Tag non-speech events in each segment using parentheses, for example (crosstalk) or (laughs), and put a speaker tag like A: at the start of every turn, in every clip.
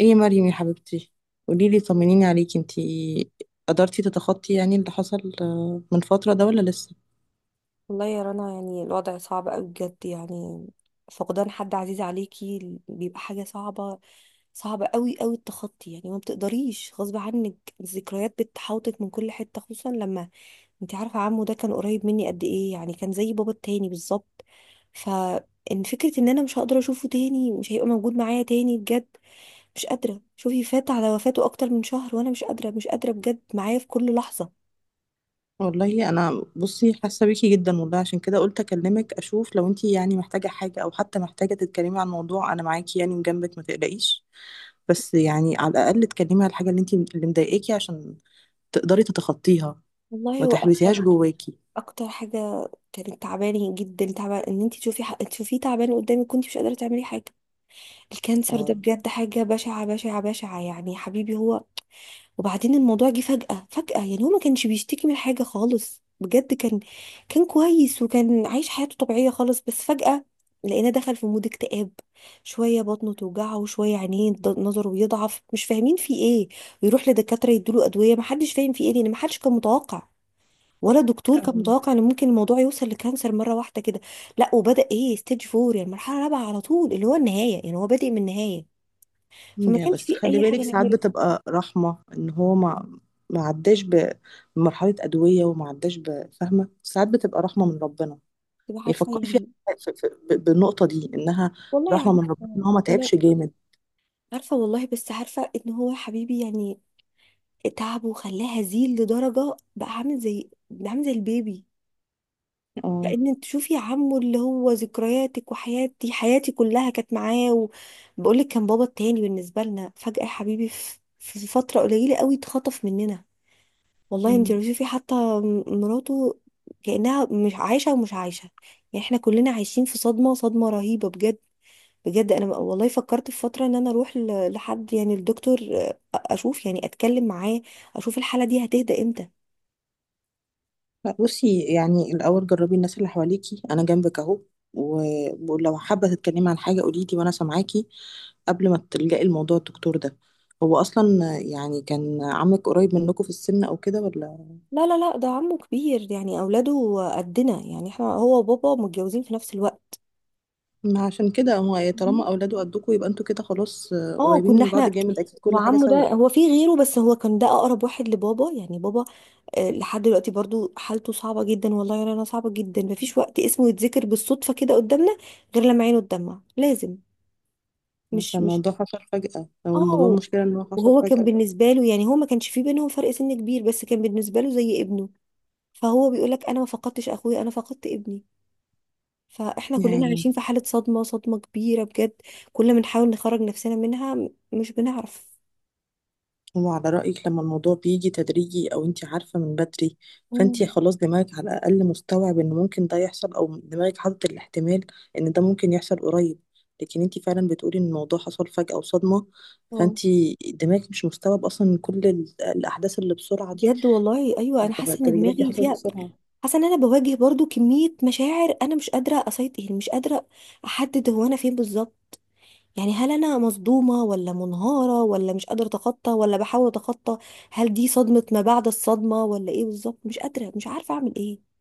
A: ايه يا مريم يا حبيبتي، قوليلي، طمنيني عليكي. انتي قدرتي تتخطي يعني اللي حصل من فترة ده ولا لسه؟
B: والله يا رنا، يعني الوضع صعب قوي بجد. يعني فقدان حد عزيز عليكي بيبقى حاجة صعبة. صعبة قوي قوي التخطي، يعني ما بتقدريش غصب عنك. الذكريات بتحاوطك من كل حتة، خصوصا لما انت عارفة عمو ده كان قريب مني قد ايه، يعني كان زي بابا التاني بالظبط. فان فكرة ان انا مش هقدر اشوفه تاني، مش هيبقى موجود معايا تاني، بجد مش قادرة. شوفي، فات على وفاته اكتر من شهر وانا مش قادرة، مش قادرة بجد، معايا في كل لحظة.
A: والله انا، بصي، حاسة بيكي جدا. والله عشان كده قلت اكلمك، اشوف لو انتي يعني محتاجة حاجة او حتى محتاجة تتكلمي عن موضوع. انا معاكي يعني وجنبك، ما تقلقيش. بس يعني على الاقل اتكلمي على الحاجة اللي انتي اللي مضايقاكي عشان تقدري تتخطيها،
B: والله
A: ما
B: هو
A: تحبسيهاش
B: أكتر
A: جواكي.
B: اكتر حاجه كانت تعباني جدا، تعبان ان انت تشوفيه تعبان قدامك، كنت مش قادره تعملي حاجه. الكانسر ده
A: اه.
B: بجد حاجه بشعه بشعه بشعه، يعني يا حبيبي هو. وبعدين الموضوع جه فجاه فجاه، يعني هو ما كانش بيشتكي من حاجه خالص، بجد كان كويس وكان عايش حياته طبيعيه خالص، بس فجاه لقينا دخل في مود اكتئاب. شويه بطنه توجعه وشويه عينيه نظره بيضعف، مش فاهمين في ايه. ويروح لدكاتره يدوله ادويه، ما حدش فاهم في ايه، لان ما حدش كان متوقع، ولا الدكتور كان متوقع، ان ممكن الموضوع يوصل لكانسر مره واحده كده. لا، وبدا ايه ستيج فور، يعني مرحله رابعه على طول، اللي هو النهايه، يعني هو بادئ من النهايه. فما
A: لا
B: كانش
A: بس
B: فيه
A: خلي
B: اي حاجه
A: بالك، ساعات
B: نعملها،
A: بتبقى رحمة ان هو ما عداش بمرحلة أدوية وما عداش بفهمة. ساعات بتبقى رحمة من ربنا،
B: تبقى عارفه
A: يفكري فيها،
B: يعني.
A: بالنقطة دي انها
B: والله
A: رحمة من ربنا
B: عارفه.
A: ان هو ما
B: لا
A: تعبش جامد.
B: عارفه والله، بس عارفه ان هو يا حبيبي يعني تعبه وخلاه هزيل لدرجه بقى عامل زي البيبي.
A: اه.
B: لان تشوفي، عمه اللي هو ذكرياتك، وحياتي حياتي كلها كانت معاه، وبقول لك كان بابا التاني بالنسبه لنا. فجاه يا حبيبي في فتره قليله قوي اتخطف مننا. والله انت
A: مم.
B: لو شوفي حتى مراته، كأنها مش عايشة ومش عايشة. يعني احنا كلنا عايشين في صدمة صدمة رهيبة بجد. بجد انا والله فكرت في فترة ان انا اروح لحد، يعني الدكتور، اشوف يعني اتكلم معاه، اشوف الحالة دي هتهدى امتى.
A: لا، بصي، يعني الأول جربي الناس اللي حواليكي، أنا جنبك أهو، ولو حابة تتكلمي عن حاجة قوليلي وأنا سامعاكي قبل ما تلجأي الموضوع الدكتور ده. هو أصلا يعني كان عمك قريب منكم في السن أو كده ولا؟
B: لا، لا، لا، ده عمه كبير، يعني اولاده قدنا، يعني احنا هو وبابا متجوزين في نفس الوقت.
A: ما عشان كده هو
B: مم.
A: طالما اولاده قدكوا يبقى انتوا كده خلاص،
B: اه،
A: قريبين
B: كنا
A: من بعض
B: احنا،
A: جامد اكيد، كل حاجه
B: وعمه ده
A: سوا.
B: هو في غيره، بس هو كان ده اقرب واحد لبابا، يعني بابا لحد دلوقتي برضو حالته صعبة جدا. والله يا رنا، صعبة جدا. مفيش وقت اسمه يتذكر بالصدفة كده قدامنا، غير لما عينه تدمع لازم مش.
A: فالموضوع حصل فجاه، او الموضوع
B: اه،
A: المشكله ان هو حصل
B: وهو كان
A: فجاه
B: بالنسبة له، يعني هو ما كانش في بينهم فرق سن كبير، بس كان بالنسبة له زي ابنه. فهو بيقول لك انا ما فقدتش اخويا، انا فقدت ابني. فاحنا كلنا
A: يعني.
B: عايشين في حالة صدمة صدمة كبيرة بجد. كل ما نحاول نخرج نفسنا منها مش بنعرف.
A: هو على رايك لما الموضوع بيجي تدريجي او انت عارفه من بدري، فانت
B: مم.
A: خلاص دماغك على الاقل مستوعب ان ممكن ده يحصل، او دماغك حاطط الاحتمال ان ده ممكن يحصل قريب. لكن انت فعلا بتقولي ان الموضوع حصل فجاه وصدمه،
B: اه،
A: فانت دماغك مش مستوعب اصلا إن كل الاحداث اللي بسرعه دي،
B: بجد والله ايوه، انا حاسة ان
A: التغيرات دي
B: دماغي
A: حصلت
B: فيها.
A: بسرعه.
B: حاسه ان انا بواجه برضو كميه مشاعر، انا مش قادره اسيطر، يعني مش قادره احدد هو انا فين بالظبط. يعني هل انا مصدومه ولا منهاره ولا مش قادره اتخطى ولا بحاول اتخطى؟ هل دي صدمه ما بعد الصدمه ولا ايه بالظبط؟ مش قادره، مش عارفه اعمل ايه.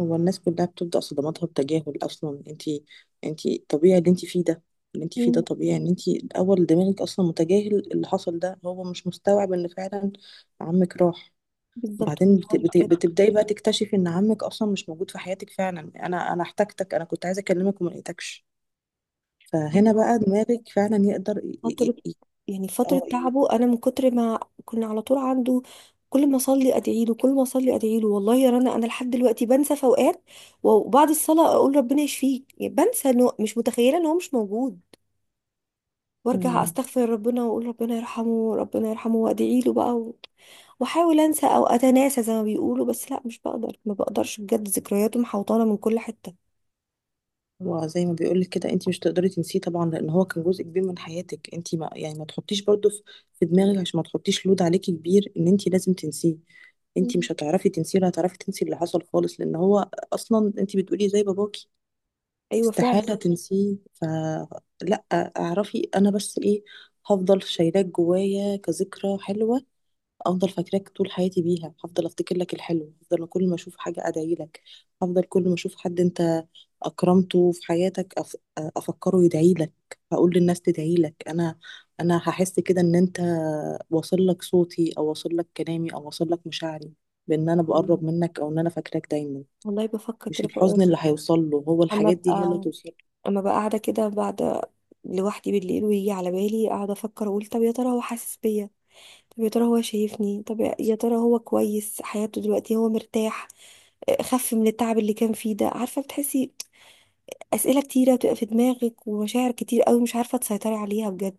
A: هو الناس كلها بتبدأ صدماتها بتجاهل أصلا. انتي طبيعي اللي انتي فيه ده، اللي انتي فيه ده
B: مم.
A: طبيعي. ان انتي الأول دماغك أصلا متجاهل اللي حصل ده، هو مش مستوعب ان فعلا عمك راح.
B: بالظبط
A: بعدين
B: والله بجد.
A: بتبدأي بقى تكتشفي ان عمك أصلا مش موجود في حياتك فعلا. أنا احتجتك، أنا كنت عايزة أكلمك وما لقيتكش. فهنا بقى دماغك فعلا يقدر
B: فتره،
A: ي... ي...
B: يعني فتره
A: اه،
B: تعبه، انا من كتر ما كنا على طول عنده، كل ما اصلي ادعي له، كل ما اصلي ادعي له. والله يا رنا انا لحد دلوقتي بنسى في اوقات، وبعد الصلاة أقول ربنا يشفيك، يعني بنسى، إنه مش متخيلة إن هو مش موجود. وارجع
A: مم.
B: استغفر ربنا واقول ربنا يرحمه، ربنا يرحمه، وادعي له بقى واحاول انسى او اتناسى زي ما بيقولوا، بس لا، مش بقدر، ما بقدرش بجد، ذكرياته محوطانه من كل حته.
A: وزي ما بيقولك كده، انت مش تقدري تنسيه طبعا لان هو كان جزء كبير من حياتك. انت ما يعني ما تحطيش برضه في دماغك عشان ما تحطيش لود عليكي كبير ان انت لازم تنسيه. انت
B: مم.
A: مش هتعرفي تنسيه ولا هتعرفي تنسي اللي حصل خالص لان هو اصلا انت بتقولي زي باباكي،
B: ايوه فعلا.
A: استحالة تنسيه. فلا، اعرفي انا بس ايه، هفضل شايلاه جوايا كذكرى حلوة، افضل فاكراك طول حياتي بيها. هفضل افتكر لك الحلو، هفضل كل ما اشوف حاجه ادعي لك، هفضل كل ما اشوف حد انت اكرمته في حياتك افكره يدعي لك، هقول للناس تدعي لك. انا هحس كده ان انت واصل لك صوتي او واصل لك كلامي او واصل لك مشاعري، بان انا بقرب
B: يعني
A: منك او ان انا فاكراك دايما.
B: والله بفكر
A: مش
B: كده، بقول
A: الحزن اللي هيوصل له، هو
B: اما
A: الحاجات دي هي اللي
B: ابقى
A: توصل.
B: اما ابقى قاعده كده بعد، لوحدي بالليل، ويجي على بالي اقعد افكر، اقول طب يا ترى هو حاسس بيا؟ طب يا ترى هو شايفني؟ طب يا ترى هو كويس حياته دلوقتي؟ هو مرتاح؟ خف من التعب اللي كان فيه ده، عارفه بتحسي؟ اسئله كتيره بتبقى في دماغك، ومشاعر كتير قوي مش عارفه تسيطري عليها بجد.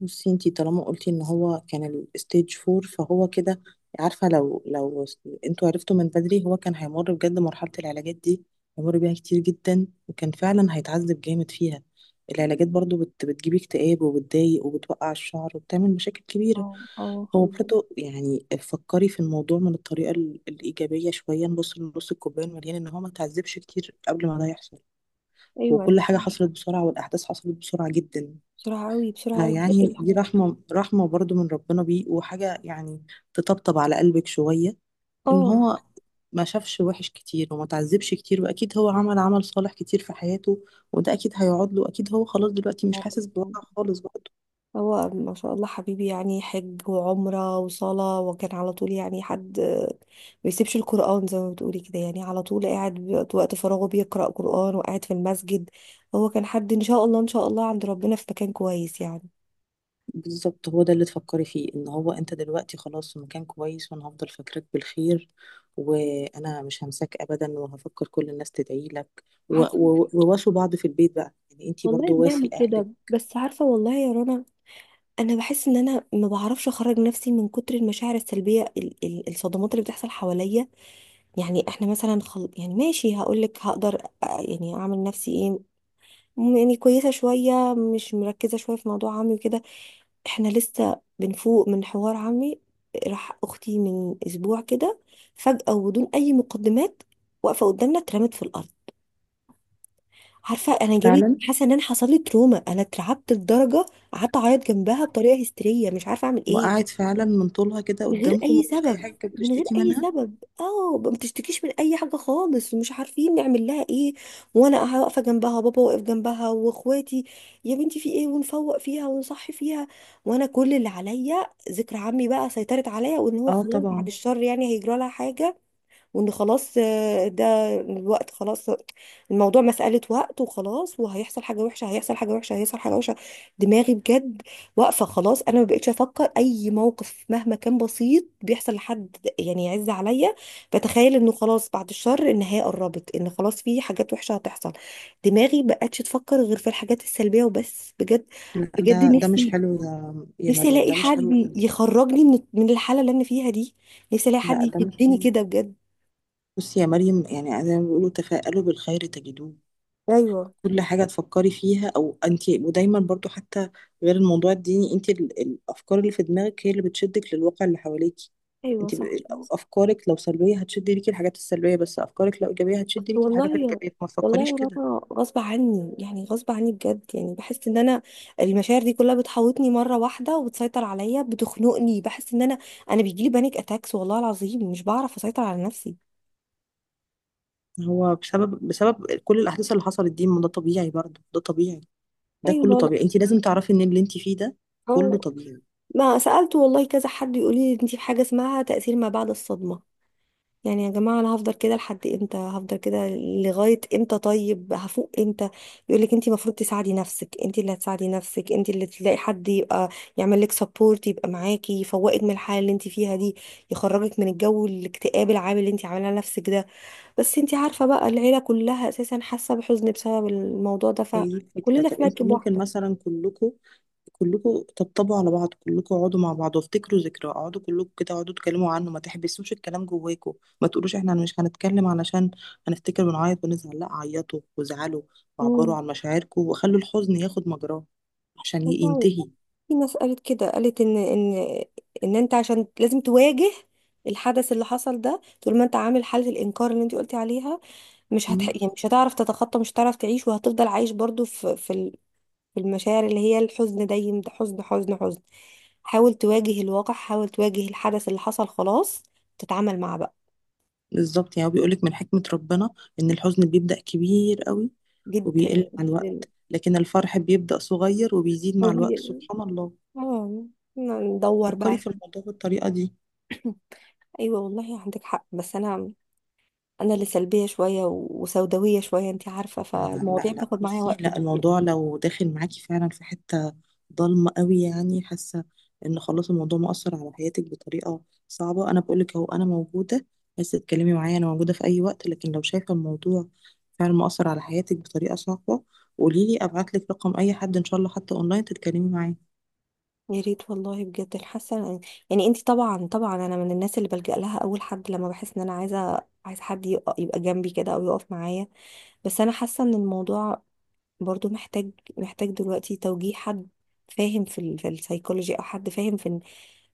A: بصي انتي طالما قلتي ان هو كان الستيج فور، فهو كده. عارفة لو انتوا عرفتوا من بدري، هو كان هيمر بجد مرحلة العلاجات دي، هيمر بيها كتير جدا وكان فعلا هيتعذب جامد فيها. العلاجات برضو بتجيب اكتئاب وبتضايق وبتوقع الشعر وبتعمل مشاكل كبيرة.
B: اه، اه
A: هو
B: حبيبي.
A: برضو يعني فكري في الموضوع من الطريقة الإيجابية شوية، نبص لنص الكوباية المليان ان هو ما تعذبش كتير قبل ما ده يحصل. وكل
B: ايوه
A: حاجة
B: خلاص.
A: حصلت بسرعة والأحداث حصلت بسرعة جدا.
B: بسرعه قوي، بسرعه قوي بجد
A: يعني دي
B: الحاجات.
A: رحمة، رحمة برضو من ربنا بيه، وحاجة يعني تطبطب على قلبك شوية إن
B: اه، اللي
A: هو ما شافش وحش كتير وما تعذبش كتير. وأكيد هو عمل عمل صالح كتير في حياته، وده أكيد هيقعد له. أكيد هو خلاص دلوقتي مش
B: عارفة.
A: حاسس بوجع خالص برضه.
B: هو ما شاء الله حبيبي، يعني حج وعمره وصلاه، وكان على طول، يعني حد ما بيسيبش القران، زي ما بتقولي كده، يعني على طول قاعد وقت فراغه بيقرا قران وقاعد في المسجد. هو كان حد ان شاء الله ان شاء الله عند ربنا في مكان كويس يعني.
A: بالظبط، هو ده اللي تفكري فيه، إن هو أنت دلوقتي خلاص في مكان كويس وأنا هفضل فاكرك بالخير وأنا مش همساك أبدا وهفكر كل الناس تدعي لك،
B: عارفه
A: وواسوا بعض في البيت بقى، يعني أنت
B: والله،
A: برضو
B: بنعمل
A: واسي
B: كده،
A: أهلك.
B: بس عارفه والله يا رنا، انا بحس ان انا ما بعرفش اخرج نفسي من كتر المشاعر السلبيه الصدمات اللي بتحصل حواليا. يعني احنا مثلا يعني ماشي هقول لك هقدر، يعني اعمل نفسي ايه، يعني كويسه شويه، مش مركزه شويه في موضوع عمي وكده. احنا لسه بنفوق من حوار عمي. راح اختي من اسبوع كده، فجاه وبدون اي مقدمات، واقفه قدامنا اترمت في الارض. عارفه، انا جالي
A: فعلا،
B: حاسه ان انا حصل لي تروما، انا اترعبت لدرجه قعدت اعيط جنبها بطريقه هستيريه، مش عارفه اعمل ايه.
A: وقعت فعلا من طولها كده
B: من غير
A: قدامكم؟
B: اي
A: مفيش اي
B: سبب،
A: حاجه كانت
B: من غير
A: بتشتكي
B: اي
A: منها؟
B: سبب، اه ما بتشتكيش من اي حاجه خالص، ومش عارفين نعمل لها ايه. وانا واقفه جنبها، وبابا واقف جنبها، واخواتي، يا بنتي في ايه؟ ونفوق فيها ونصحي فيها، وانا كل اللي عليا ذكر عمي بقى سيطرت عليا، وان هو
A: اه
B: خلاص بعد
A: طبعا.
B: الشر يعني هيجرى لها حاجه. وان خلاص ده الوقت خلاص، الموضوع مسألة وقت وخلاص، وهيحصل حاجة وحشة، هيحصل حاجة وحشة، هيحصل حاجة وحشة. دماغي بجد واقفة خلاص، انا ما بقتش افكر اي موقف مهما كان بسيط بيحصل لحد يعني يعز عليا، بتخيل انه خلاص بعد الشر النهاية قربت، ان خلاص في حاجات وحشة هتحصل. دماغي بقتش تفكر غير في الحاجات السلبية وبس، بجد.
A: لا،
B: بجد
A: ده مش
B: نفسي
A: حلو يا
B: نفسي
A: مريم،
B: الاقي
A: ده مش حلو
B: حد
A: خالص.
B: يخرجني من الحالة اللي انا فيها دي، نفسي الاقي حد
A: لا ده مش
B: يشدني
A: حلو.
B: كده بجد.
A: بصي يا مريم، يعني زي ما بيقولوا تفاءلوا بالخير تجدوه.
B: ايوه،
A: كل حاجه تفكري فيها او انت، ودايما برضو حتى غير الموضوع الديني، انت الافكار اللي في دماغك هي اللي بتشدك للواقع اللي حواليكي.
B: ايوه
A: انت
B: صح.
A: افكارك لو سلبيه هتشد ليكي الحاجات السلبيه، بس افكارك لو ايجابيه
B: بس
A: هتشد ليكي الحاجات
B: والله،
A: الايجابيه، ما
B: والله
A: تفكريش
B: يا
A: كده.
B: رنا، غصب عني، يعني غصب عني بجد، يعني بحس ان انا المشاعر دي كلها بتحوطني مره واحده، وبتسيطر عليا، بتخنقني، بحس ان انا، انا بيجيلي بانيك اتاكس، والله العظيم مش بعرف اسيطر على نفسي.
A: هو بسبب كل الاحداث اللي حصلت دي، ما ده طبيعي برضه، ده طبيعي، ده
B: ايوه
A: كله
B: والله.
A: طبيعي. انت لازم تعرفي ان اللي انت فيه ده
B: اه،
A: كله طبيعي.
B: ما سالت والله كذا حد يقول لي انت في حاجه اسمها تاثير ما بعد الصدمه. يعني يا جماعة، أنا هفضل كده لحد إمتى؟ هفضل كده لغاية إمتى؟ طيب هفوق إمتى؟ يقولك أنت المفروض تساعدي نفسك، أنت اللي هتساعدي نفسك، أنت اللي تلاقي حد يبقى يعمل لك سبورت، يبقى معاكي، يفوقك من الحالة اللي أنت فيها دي، يخرجك من الجو الاكتئاب العام اللي أنت عاملاه لنفسك ده. بس أنت عارفة بقى، العيلة كلها أساسا حاسة بحزن بسبب الموضوع ده،
A: هي دي الفكره.
B: فكلنا
A: طب
B: في
A: انتوا
B: مركب
A: ممكن
B: واحدة.
A: مثلا كلكم تطبطبوا على بعض، كلكم اقعدوا مع بعض وافتكروا ذكرى، اقعدوا كلكم كده، اقعدوا اتكلموا عنه. ما تحبسوش الكلام جواكم، ما تقولوش احنا مش هنتكلم علشان هنفتكر ونعيط ونزعل. لا، عيطوا وازعلوا
B: مم.
A: وعبروا عن مشاعركم وخلوا الحزن ياخد مجراه عشان
B: والله
A: ينتهي.
B: في ناس قالت كده، قالت ان انت عشان لازم تواجه الحدث اللي حصل ده. طول ما انت عامل حالة الانكار اللي انت قلتي عليها، مش هتح... يعني مش هتعرف تتخطى، مش هتعرف تعيش، وهتفضل عايش برضو في في في المشاعر اللي هي الحزن دايم، ده حزن حزن حزن. حاول تواجه الواقع، حاول تواجه الحدث اللي حصل، خلاص تتعامل معاه بقى.
A: بالظبط، يعني هو بيقولك من حكمة ربنا إن الحزن بيبدأ كبير قوي
B: جدا،
A: وبيقل مع
B: جدا.
A: الوقت، لكن الفرح بيبدأ صغير وبيزيد
B: هو
A: مع الوقت
B: بي-
A: سبحان الله.
B: اه، ندور
A: فكري
B: بقى.
A: في الموضوع بالطريقة دي.
B: (laughs) ايوه والله عندك حق، بس انا اللي سلبيه شويه وسوداويه شويه، انت عارفه،
A: لا، لا،
B: فالمواضيع
A: لا،
B: بتاخد معايا
A: بصي،
B: وقت
A: لا
B: كبير.
A: الموضوع لو داخل معاكي فعلا في حتة ضلمة قوي، يعني حاسة إن خلاص الموضوع مؤثر على حياتك بطريقة صعبة، أنا بقولك أهو أنا موجودة، عايزة تتكلمي معايا أنا موجودة في أي وقت. لكن لو شايفة الموضوع فعلا مؤثر على حياتك بطريقة صعبة، قوليلي أبعتلك رقم أي حد إن شاء الله حتى أونلاين تتكلمي معاه.
B: يا ريت والله بجد الحاسه، يعني انت طبعا طبعا، انا من الناس اللي بلجأ لها اول حد، لما بحس ان انا عايز حد يبقى جنبي كده، او يقف معايا. بس انا حاسه ان الموضوع برضو محتاج دلوقتي توجيه حد فاهم في السايكولوجي، او حد فاهم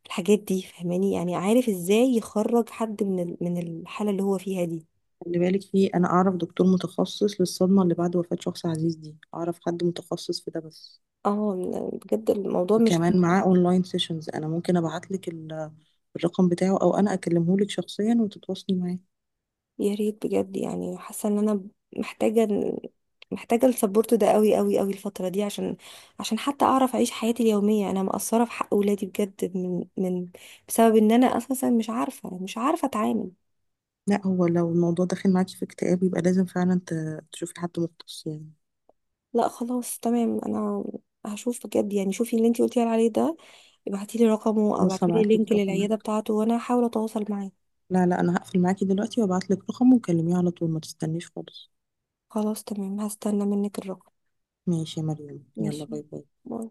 B: الحاجات دي، فاهماني، يعني عارف ازاي يخرج حد من الحاله اللي هو فيها دي.
A: خلي بالك، في انا اعرف دكتور متخصص للصدمه اللي بعد وفاه شخص عزيز دي، اعرف حد متخصص في ده، بس
B: اه، بجد الموضوع مش،
A: وكمان معاه اونلاين سيشنز. انا ممكن ابعت لك الرقم بتاعه او انا اكلمه لك شخصيا وتتواصلي معاه.
B: يا ريت بجد، يعني حاسه ان انا محتاجه محتاجه السبورت ده قوي قوي قوي الفتره دي، عشان حتى اعرف اعيش حياتي اليوميه. انا مقصره في حق اولادي بجد، من من بسبب ان انا اساسا مش عارفه اتعامل.
A: لا هو لو الموضوع داخل معاكي في اكتئاب يبقى لازم فعلا تشوفي حد مختص يعني.
B: لا خلاص تمام، انا هشوف بجد، يعني شوفي اللي انتي قلتي عليه ده، ابعتي لي رقمه، او
A: أنا بس
B: ابعتي لي
A: هبعت
B: لينك
A: لك رقمك.
B: للعياده بتاعته، وانا هحاول اتواصل معاه.
A: لا، لا انا هقفل معاكي دلوقتي وابعت لك رقمه وكلميه على طول ما تستنيش خالص.
B: خلاص تمام، هستنى منك الرقم.
A: ماشي يا مريم، يلا،
B: ماشي،
A: باي باي.
B: باي.